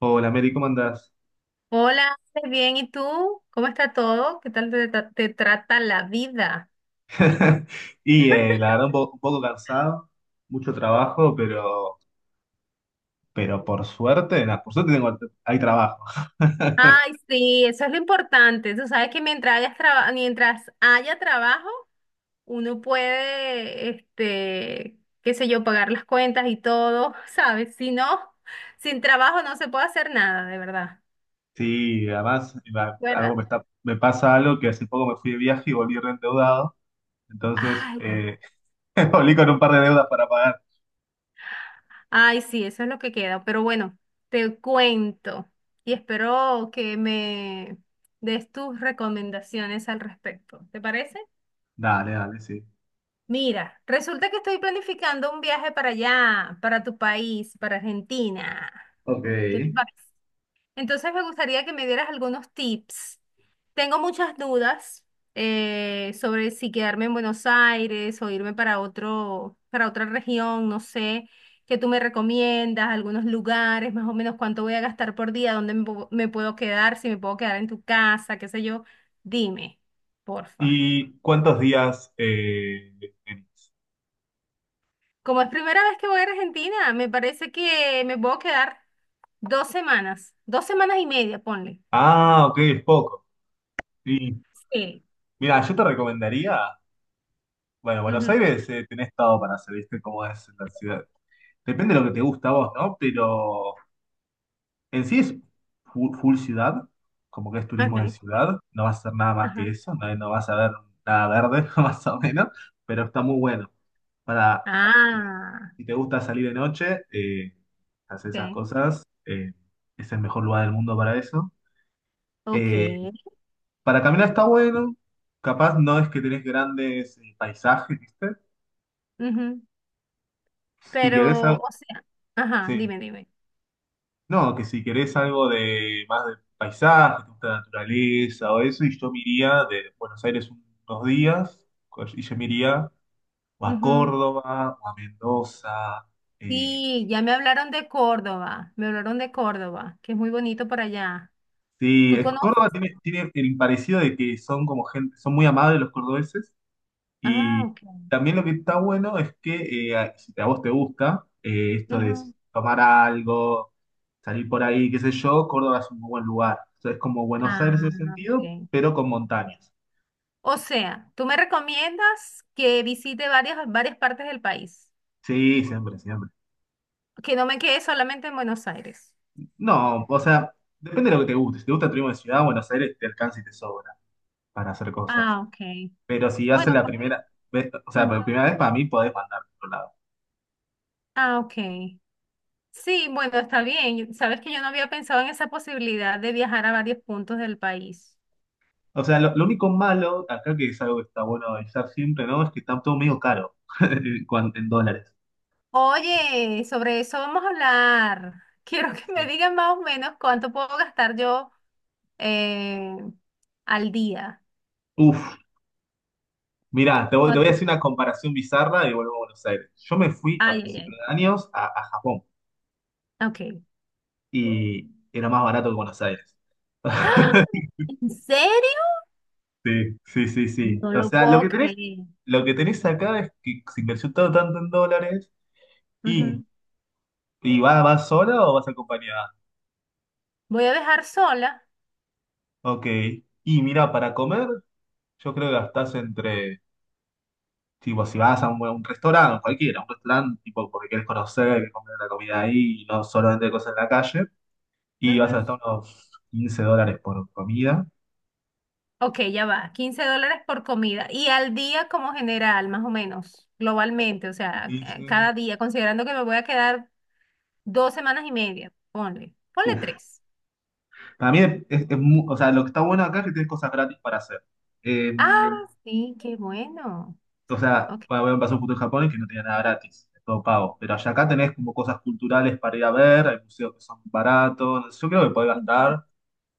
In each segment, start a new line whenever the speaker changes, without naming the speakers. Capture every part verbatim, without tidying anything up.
Hola, Mary, ¿cómo andás?
Hola, Ale, bien, ¿y tú? ¿Cómo está todo? ¿Qué tal te, tra- te trata la vida?
Y eh, la verdad, un, po- un poco cansado, mucho trabajo, pero, pero por suerte, nada, por suerte tengo, hay trabajo.
Ay, sí, eso es lo importante. Tú sabes que mientras hayas traba- mientras haya trabajo, uno puede, este, qué sé yo, pagar las cuentas y todo, ¿sabes? Si no, sin trabajo no se puede hacer nada, de verdad,
Sí, además, va- algo
¿verdad?
me está, me pasa algo, que hace poco me fui de viaje y volví reendeudado, entonces,
Ay.
eh, volví con un par de deudas para pagar.
Ay, sí, eso es lo que queda. Pero bueno, te cuento y espero que me des tus recomendaciones al respecto. ¿Te parece?
Dale, dale, sí.
Mira, resulta que estoy planificando un viaje para allá, para tu país, para Argentina.
Ok.
¿Qué te parece? Entonces me gustaría que me dieras algunos tips. Tengo muchas dudas eh, sobre si quedarme en Buenos Aires o irme para otro, para otra región, no sé, qué tú me recomiendas, algunos lugares, más o menos cuánto voy a gastar por día, dónde me, pu- me puedo quedar, si me puedo quedar en tu casa, qué sé yo. Dime, porfa.
¿Y cuántos días eh, tenés?
Como es primera vez que voy a Argentina, me parece que me puedo quedar dos semanas, dos semanas y media, ponle.
Ah, ok, es poco. Y
Sí.
mira, yo te recomendaría. Bueno, Buenos
Ujú.
Aires, eh, tenés todo para hacer, ¿viste cómo es la ciudad? Depende de lo que te gusta a vos, ¿no? Pero en sí es fu- full, ciudad, como que es turismo de
Ok.
ciudad, no vas a hacer nada más que
Ajá.
eso, no, no vas a ver nada verde, más o menos, pero está muy bueno. Para,
Ah,
si te gusta salir de noche, eh, hacer esas
ok,
cosas, eh, es el mejor lugar del mundo para eso.
ok.
Eh, para caminar está bueno, capaz no es que tenés grandes eh, paisajes, ¿viste?
Ujú.
Si
Pero,
querés, algo-
o sea, ajá,
sí.
dime, dime.
No, que si querés algo de más de paisaje, te gusta la naturaleza o eso, y yo me iría de Buenos Aires un- unos días, co- y yo me iría o a
Ujú.
Córdoba o a Mendoza. Eh,
Sí, ya me hablaron de Córdoba, me hablaron de Córdoba, que es muy bonito por allá.
sí,
¿Tú
es, Córdoba
conoces?
tiene, tiene el parecido de que son como gente, son muy amables los cordobeses,
Ah,
y
ok.
también lo que está bueno es que, eh, a- si a vos te gusta, eh, esto de
Ujú.
tomar algo, salir por ahí, qué sé yo, Córdoba es un muy buen lugar. O sea, es como Buenos
Ah,
Aires en ese sentido,
ok.
pero con montañas.
O sea, tú me recomiendas que visite varias, varias partes del país,
Sí, siempre, siempre.
que no me quede solamente en Buenos Aires.
No, o sea, depende de lo que te guste. Si te gusta Turismo de Ciudad, Buenos Aires te alcanza y te sobra para hacer cosas.
Ah, ok.
Pero si
Bueno,
haces la
porque-
primera vez, o sea,
ujú.
por primera vez, para mí podés mandar a otro lado.
Ah, ok. Sí, bueno, está bien. Sabes que yo no había pensado en esa posibilidad de viajar a varios puntos del país.
O sea, lo, lo único malo acá, que es algo que está bueno avisar siempre, ¿no?, es que está todo medio caro cuan- en dólares.
Oye, sobre eso vamos a hablar. Quiero que me
Sí.
digan más o menos cuánto puedo gastar yo eh, al día.
Uf, mirá, te voy, te voy a
¿Cuánto?
hacer una comparación bizarra y vuelvo a Buenos Aires. Yo me fui a
Ay,
principios
ay,
de años a, a Japón
ay. Ok.
y era más barato que Buenos Aires.
¡Ah! ¿En serio?
Sí, sí, sí, sí.
No
O
lo
sea, lo que
puedo
tenés
creer.
Lo que tenés acá es que se invirtió todo tanto en dólares y,
Ujú.
y va, ¿vas sola o vas acompañada?
Voy a dejar sola.
Ok. Y mira, para comer, yo creo que gastás entre, tipo, si vas a un, un restaurante, cualquiera, un restaurante, tipo, porque quieres conocer, quieres comer la comida ahí y no solamente cosas en la calle, y vas a
Ujú.
gastar unos quince dólares por comida.
Ok, ya va. Quince dólares por comida. Y al día como general, más o menos, globalmente, o sea,
Y,
ca-
sí,
cada día, considerando que me voy a quedar dos semanas y media, ponle, ponle
uf.
tres.
También es, es mu-, o sea, lo que está bueno acá es que tenés cosas gratis para hacer. Eh,
Ah, sí, qué bueno.
O sea,
Ok.
bueno, voy a pasar un punto: en Japón en que no tenía nada gratis, es todo pago. Pero allá, acá tenés como cosas culturales para ir a ver, hay museos que son baratos. Yo creo que podés
Ujú.
gastar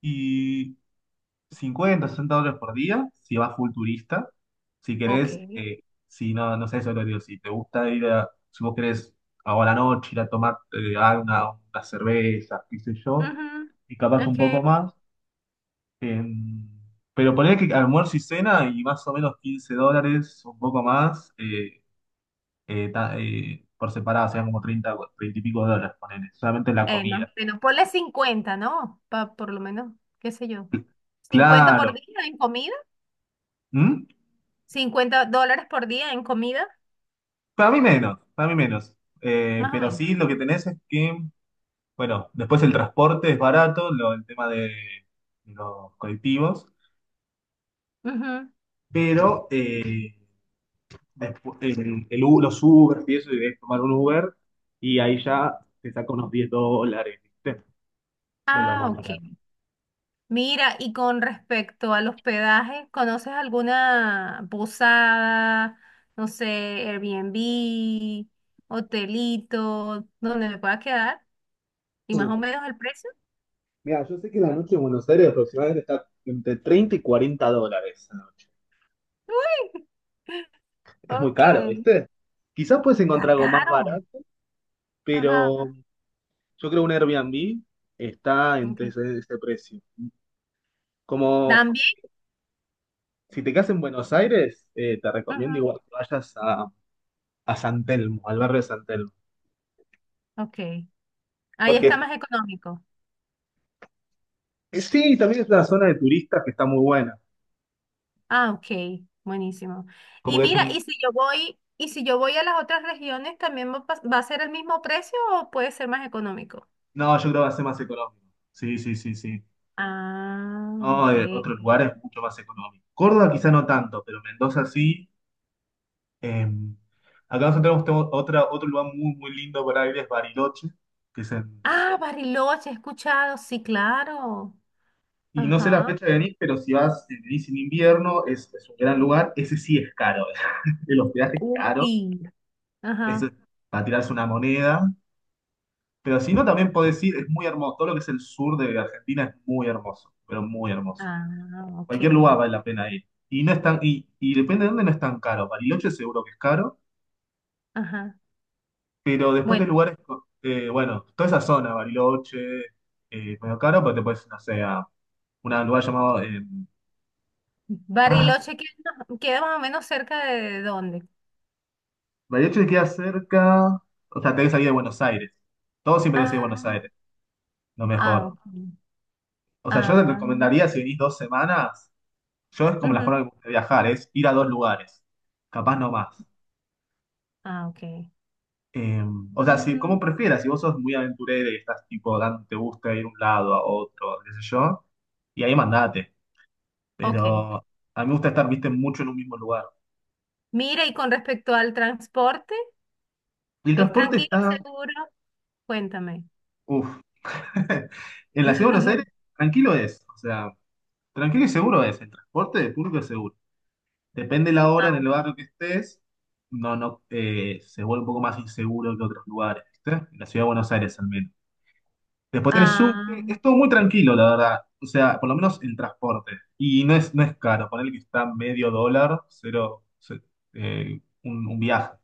y cincuenta, sesenta dólares por día si vas full turista. Si
Ok.
querés, eh, si no, no sé, eso es lo que digo, si te gusta ir a, si vos querés ahora a la noche ir a tomar, eh, alguna, una cerveza, qué sé yo,
Ujú.
y capaz un poco
Ok.
más. em, pero poner que almuerzo y cena, y más o menos quince dólares, un poco más. eh, eh, ta- eh, por separado serían como treinta o treinta y pico de dólares, ponele, solamente la
Eh, más
comida.
o menos, ponle cincuenta, ¿no? Pa- por lo menos, qué sé yo. Cincuenta por
Claro.
día en comida.
¿Mm?
cincuenta dólares por día en comida,
Para mí menos, para mí menos. Eh,
más o
pero
menos.
sí, lo que tenés es que, bueno, después el transporte es barato, lo- el tema de los colectivos,
Ujú.
pero, eh, despu- el, el U- los Uber y eso, y debes tomar un Uber y ahí ya te saca unos diez dólares, ¿viste? De lo
Ah,
más
ok. Mira, y con respecto al hospedaje, ¿conoces alguna posada, no sé, Airbnb, hotelito, donde me pueda quedar? ¿Y más o
barato.
menos el precio?
Mira, yo sé que la noche en Buenos Aires aproximadamente está entre treinta y cuarenta dólares la noche.
Uy,
Es muy
ok.
caro, ¿viste? Quizás puedes encontrar
Está
algo más
caro.
barato, pero
Ajá,
yo creo un Airbnb está entre
ok.
ese, ese precio. Como
También,
si te quedas en Buenos Aires, eh, te recomiendo
ujú,
igual que vayas a, a San Telmo, al barrio de San Telmo.
ok. Ahí
Porque,
está más económico.
eh, sí, también es una zona de turistas que está muy buena.
Ah, ok. Buenísimo.
Como
Y
que es
mira,
un...
y si yo voy, y si yo voy a las otras regiones, ¿también va a pas- va a ser el mismo precio o puede ser más económico?
No, yo creo que va a ser más económico. Sí, sí, sí, sí.
Ah,
No,
ok.
de otros lugares mucho más económico. Córdoba quizá no tanto, pero Mendoza sí. Eh, acá nosotros tenemos tenemos otra, otro lugar muy, muy lindo para ir, es Bariloche, que es en-
Ah, Bariloche, he escuchado, sí, claro.
y no sé la
Ajá.
fecha de venir, pero si vas, si venís en invierno, es, es un gran lugar. Ese sí es caro, el hospedaje es caro,
Uy.
eso
Ajá.
es para tirarse una moneda. Pero si no, también podés ir, es muy hermoso. Todo lo que es el sur de Argentina es muy hermoso, pero muy hermoso.
Ah, ok.
Cualquier lugar vale la pena ir. Y no es tan, y, y depende de dónde, no es tan caro. Bariloche seguro que es caro.
Ajá.
Pero después, de
Bueno,
lugares, co- eh, bueno, toda esa zona, Bariloche, eh, medio caro, pero te puedes, no sé, a un lugar llamado. eh, ay,
Bariloche queda, queda más o menos cerca de dónde.
Bariloche te queda cerca. O sea, te que salir de Buenos Aires. Todo siempre tenés que ir a
Ah,
Buenos Aires, lo
ah,
mejor.
ok.
O sea, yo te
Ah,
recomendaría si venís dos semanas, yo, es como la
ujú.
forma que me gusta viajar, es ir a dos lugares, capaz no más.
Ah, ok.
Eh, o sea, si,
Mm,
como prefieras, si vos sos muy aventurero y estás tipo, dan- te gusta ir a un lado, a otro, qué sé yo, y ahí mandate.
ok.
Pero a mí me gusta estar, viste, mucho en un mismo lugar.
Mira, y con respecto al transporte,
Y el
¿es
transporte
tranquilo,
está,
seguro? Cuéntame.
uff, en la ciudad de Buenos Aires, tranquilo es, o sea, tranquilo y seguro es, el transporte de público es seguro. Depende la hora
Ah,
en el barrio que estés, no, no, eh, se vuelve un poco más inseguro que otros lugares, ¿viste? En la ciudad de Buenos Aires al menos. Después tenés subte,
ah,
es todo muy tranquilo, la verdad. O sea, por lo menos el transporte. Y no es, no es caro, ponele que está medio dólar, cero, ce- eh, un, un viaje,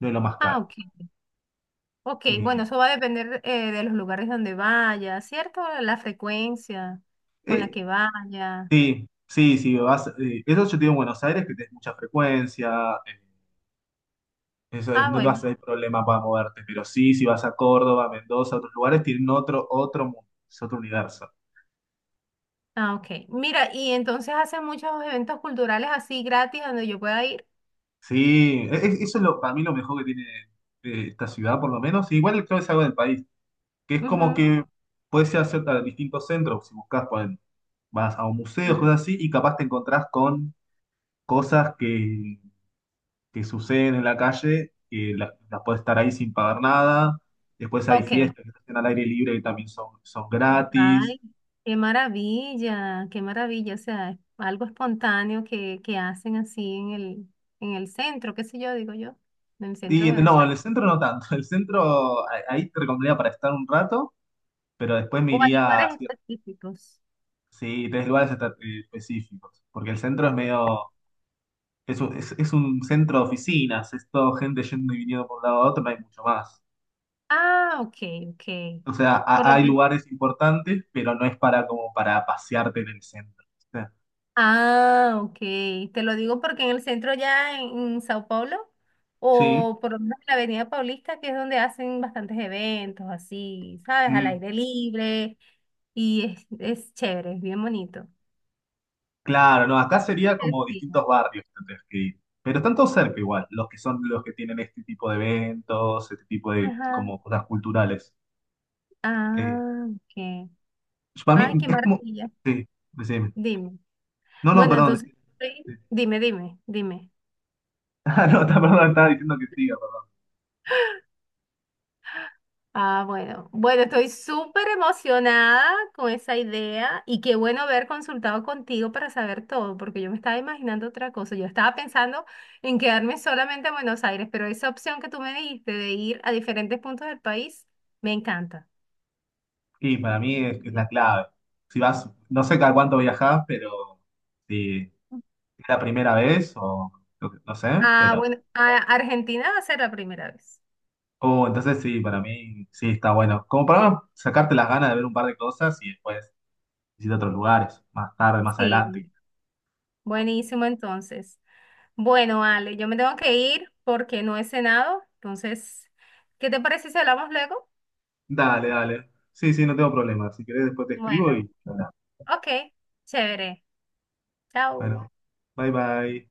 no es lo más
ah,
caro.
ok. Ok, bueno,
Eh,
eso va a depender eh, de los lugares donde vaya, ¿cierto? La frecuencia con la
eh,
que vaya.
Sí, sí, sí, vas, eh, eso yo te digo en Buenos Aires, que tenés mucha frecuencia, eh, eso es-
Ah,
no te vas a
bueno.
tener problema para moverte, pero sí, si vas a Córdoba, Mendoza, otros lugares, tienen otro, otro mundo, es otro universo.
Ah, ok. Mira, y entonces hacen muchos eventos culturales así gratis donde yo pueda ir.
Sí, e- e- eso es lo, para mí lo mejor que tiene, eh, esta ciudad, por lo menos, y igual creo que es algo del país, que es como
Ujú.
que puedes ir a cierta- distintos centros, si buscas, vas a un museo,
Ah,
cosas así, y capaz te encontrás con cosas que que suceden en la calle, que la- las puedes estar ahí sin pagar nada. Después hay
ok.
fiestas que se hacen al aire libre que también son, son gratis.
Ay, qué maravilla, qué maravilla. O sea, es algo espontáneo que, que hacen así en el, en el centro, qué sé yo, digo yo, en el centro de
Y
Buenos
no, en el
Aires.
centro no tanto. El centro, a- ahí te recomendaría para estar un rato, pero después me
O hay
iría a
lugares
cier-
específicos.
sí, tres lugares esta- eh, específicos. Porque el centro es medio. Es un, es, es un centro de oficinas, es todo gente yendo y viniendo por un lado a otro, no hay mucho más.
Ah, ok, ok.
O sea,
Por
ha-
lo
hay
menos.
lugares importantes, pero no es para, como para pasearte en el centro, ¿viste?
Ah, ok. Te lo digo porque en el centro ya en, en Sao Paulo,
Sí.
o por lo menos en la Avenida Paulista, que es donde hacen bastantes eventos así, ¿sabes? Al
Mm.
aire libre. Y es, es chévere, es bien bonito.
Claro, no, acá sería como
Festiva.
distintos barrios que tendrías que ir. Pero están todos cerca igual, los que son los que tienen este tipo de eventos, este tipo de
Ajá.
como cosas culturales. Eh,
Ah, ok.
para
Ay,
mí
qué
es como...
maravilla.
Sí, decime.
Dime.
No, no,
Bueno,
perdón.
entonces,
Decime.
sí,
Sí.
dime, dime, dime.
Ah, no, está- perdón, estaba diciendo que siga, perdón.
Ah, bueno. Bueno, estoy súper emocionada con esa idea y qué bueno haber consultado contigo para saber todo, porque yo me estaba imaginando otra cosa. Yo estaba pensando en quedarme solamente en Buenos Aires, pero esa opción que tú me dijiste de ir a diferentes puntos del país, me encanta.
Sí, para mí es, es la clave. Si vas, no sé cada cuánto viajás, pero si es la primera vez o lo que, no sé,
Ah,
pero...
bueno, a Argentina va a ser la primera vez.
Oh, entonces sí, para mí sí está bueno. Como para sacarte las ganas de ver un par de cosas y después... visita otros lugares, más tarde, más
Sí,
adelante.
buenísimo entonces. Bueno, Ale, yo me tengo que ir porque no he cenado, entonces, ¿qué te parece si hablamos luego?
Dale, dale. Sí, sí, no tengo problema. Si querés, después te escribo
Bueno,
y... Bueno,
ok, chévere. Chao.
bueno, bye bye.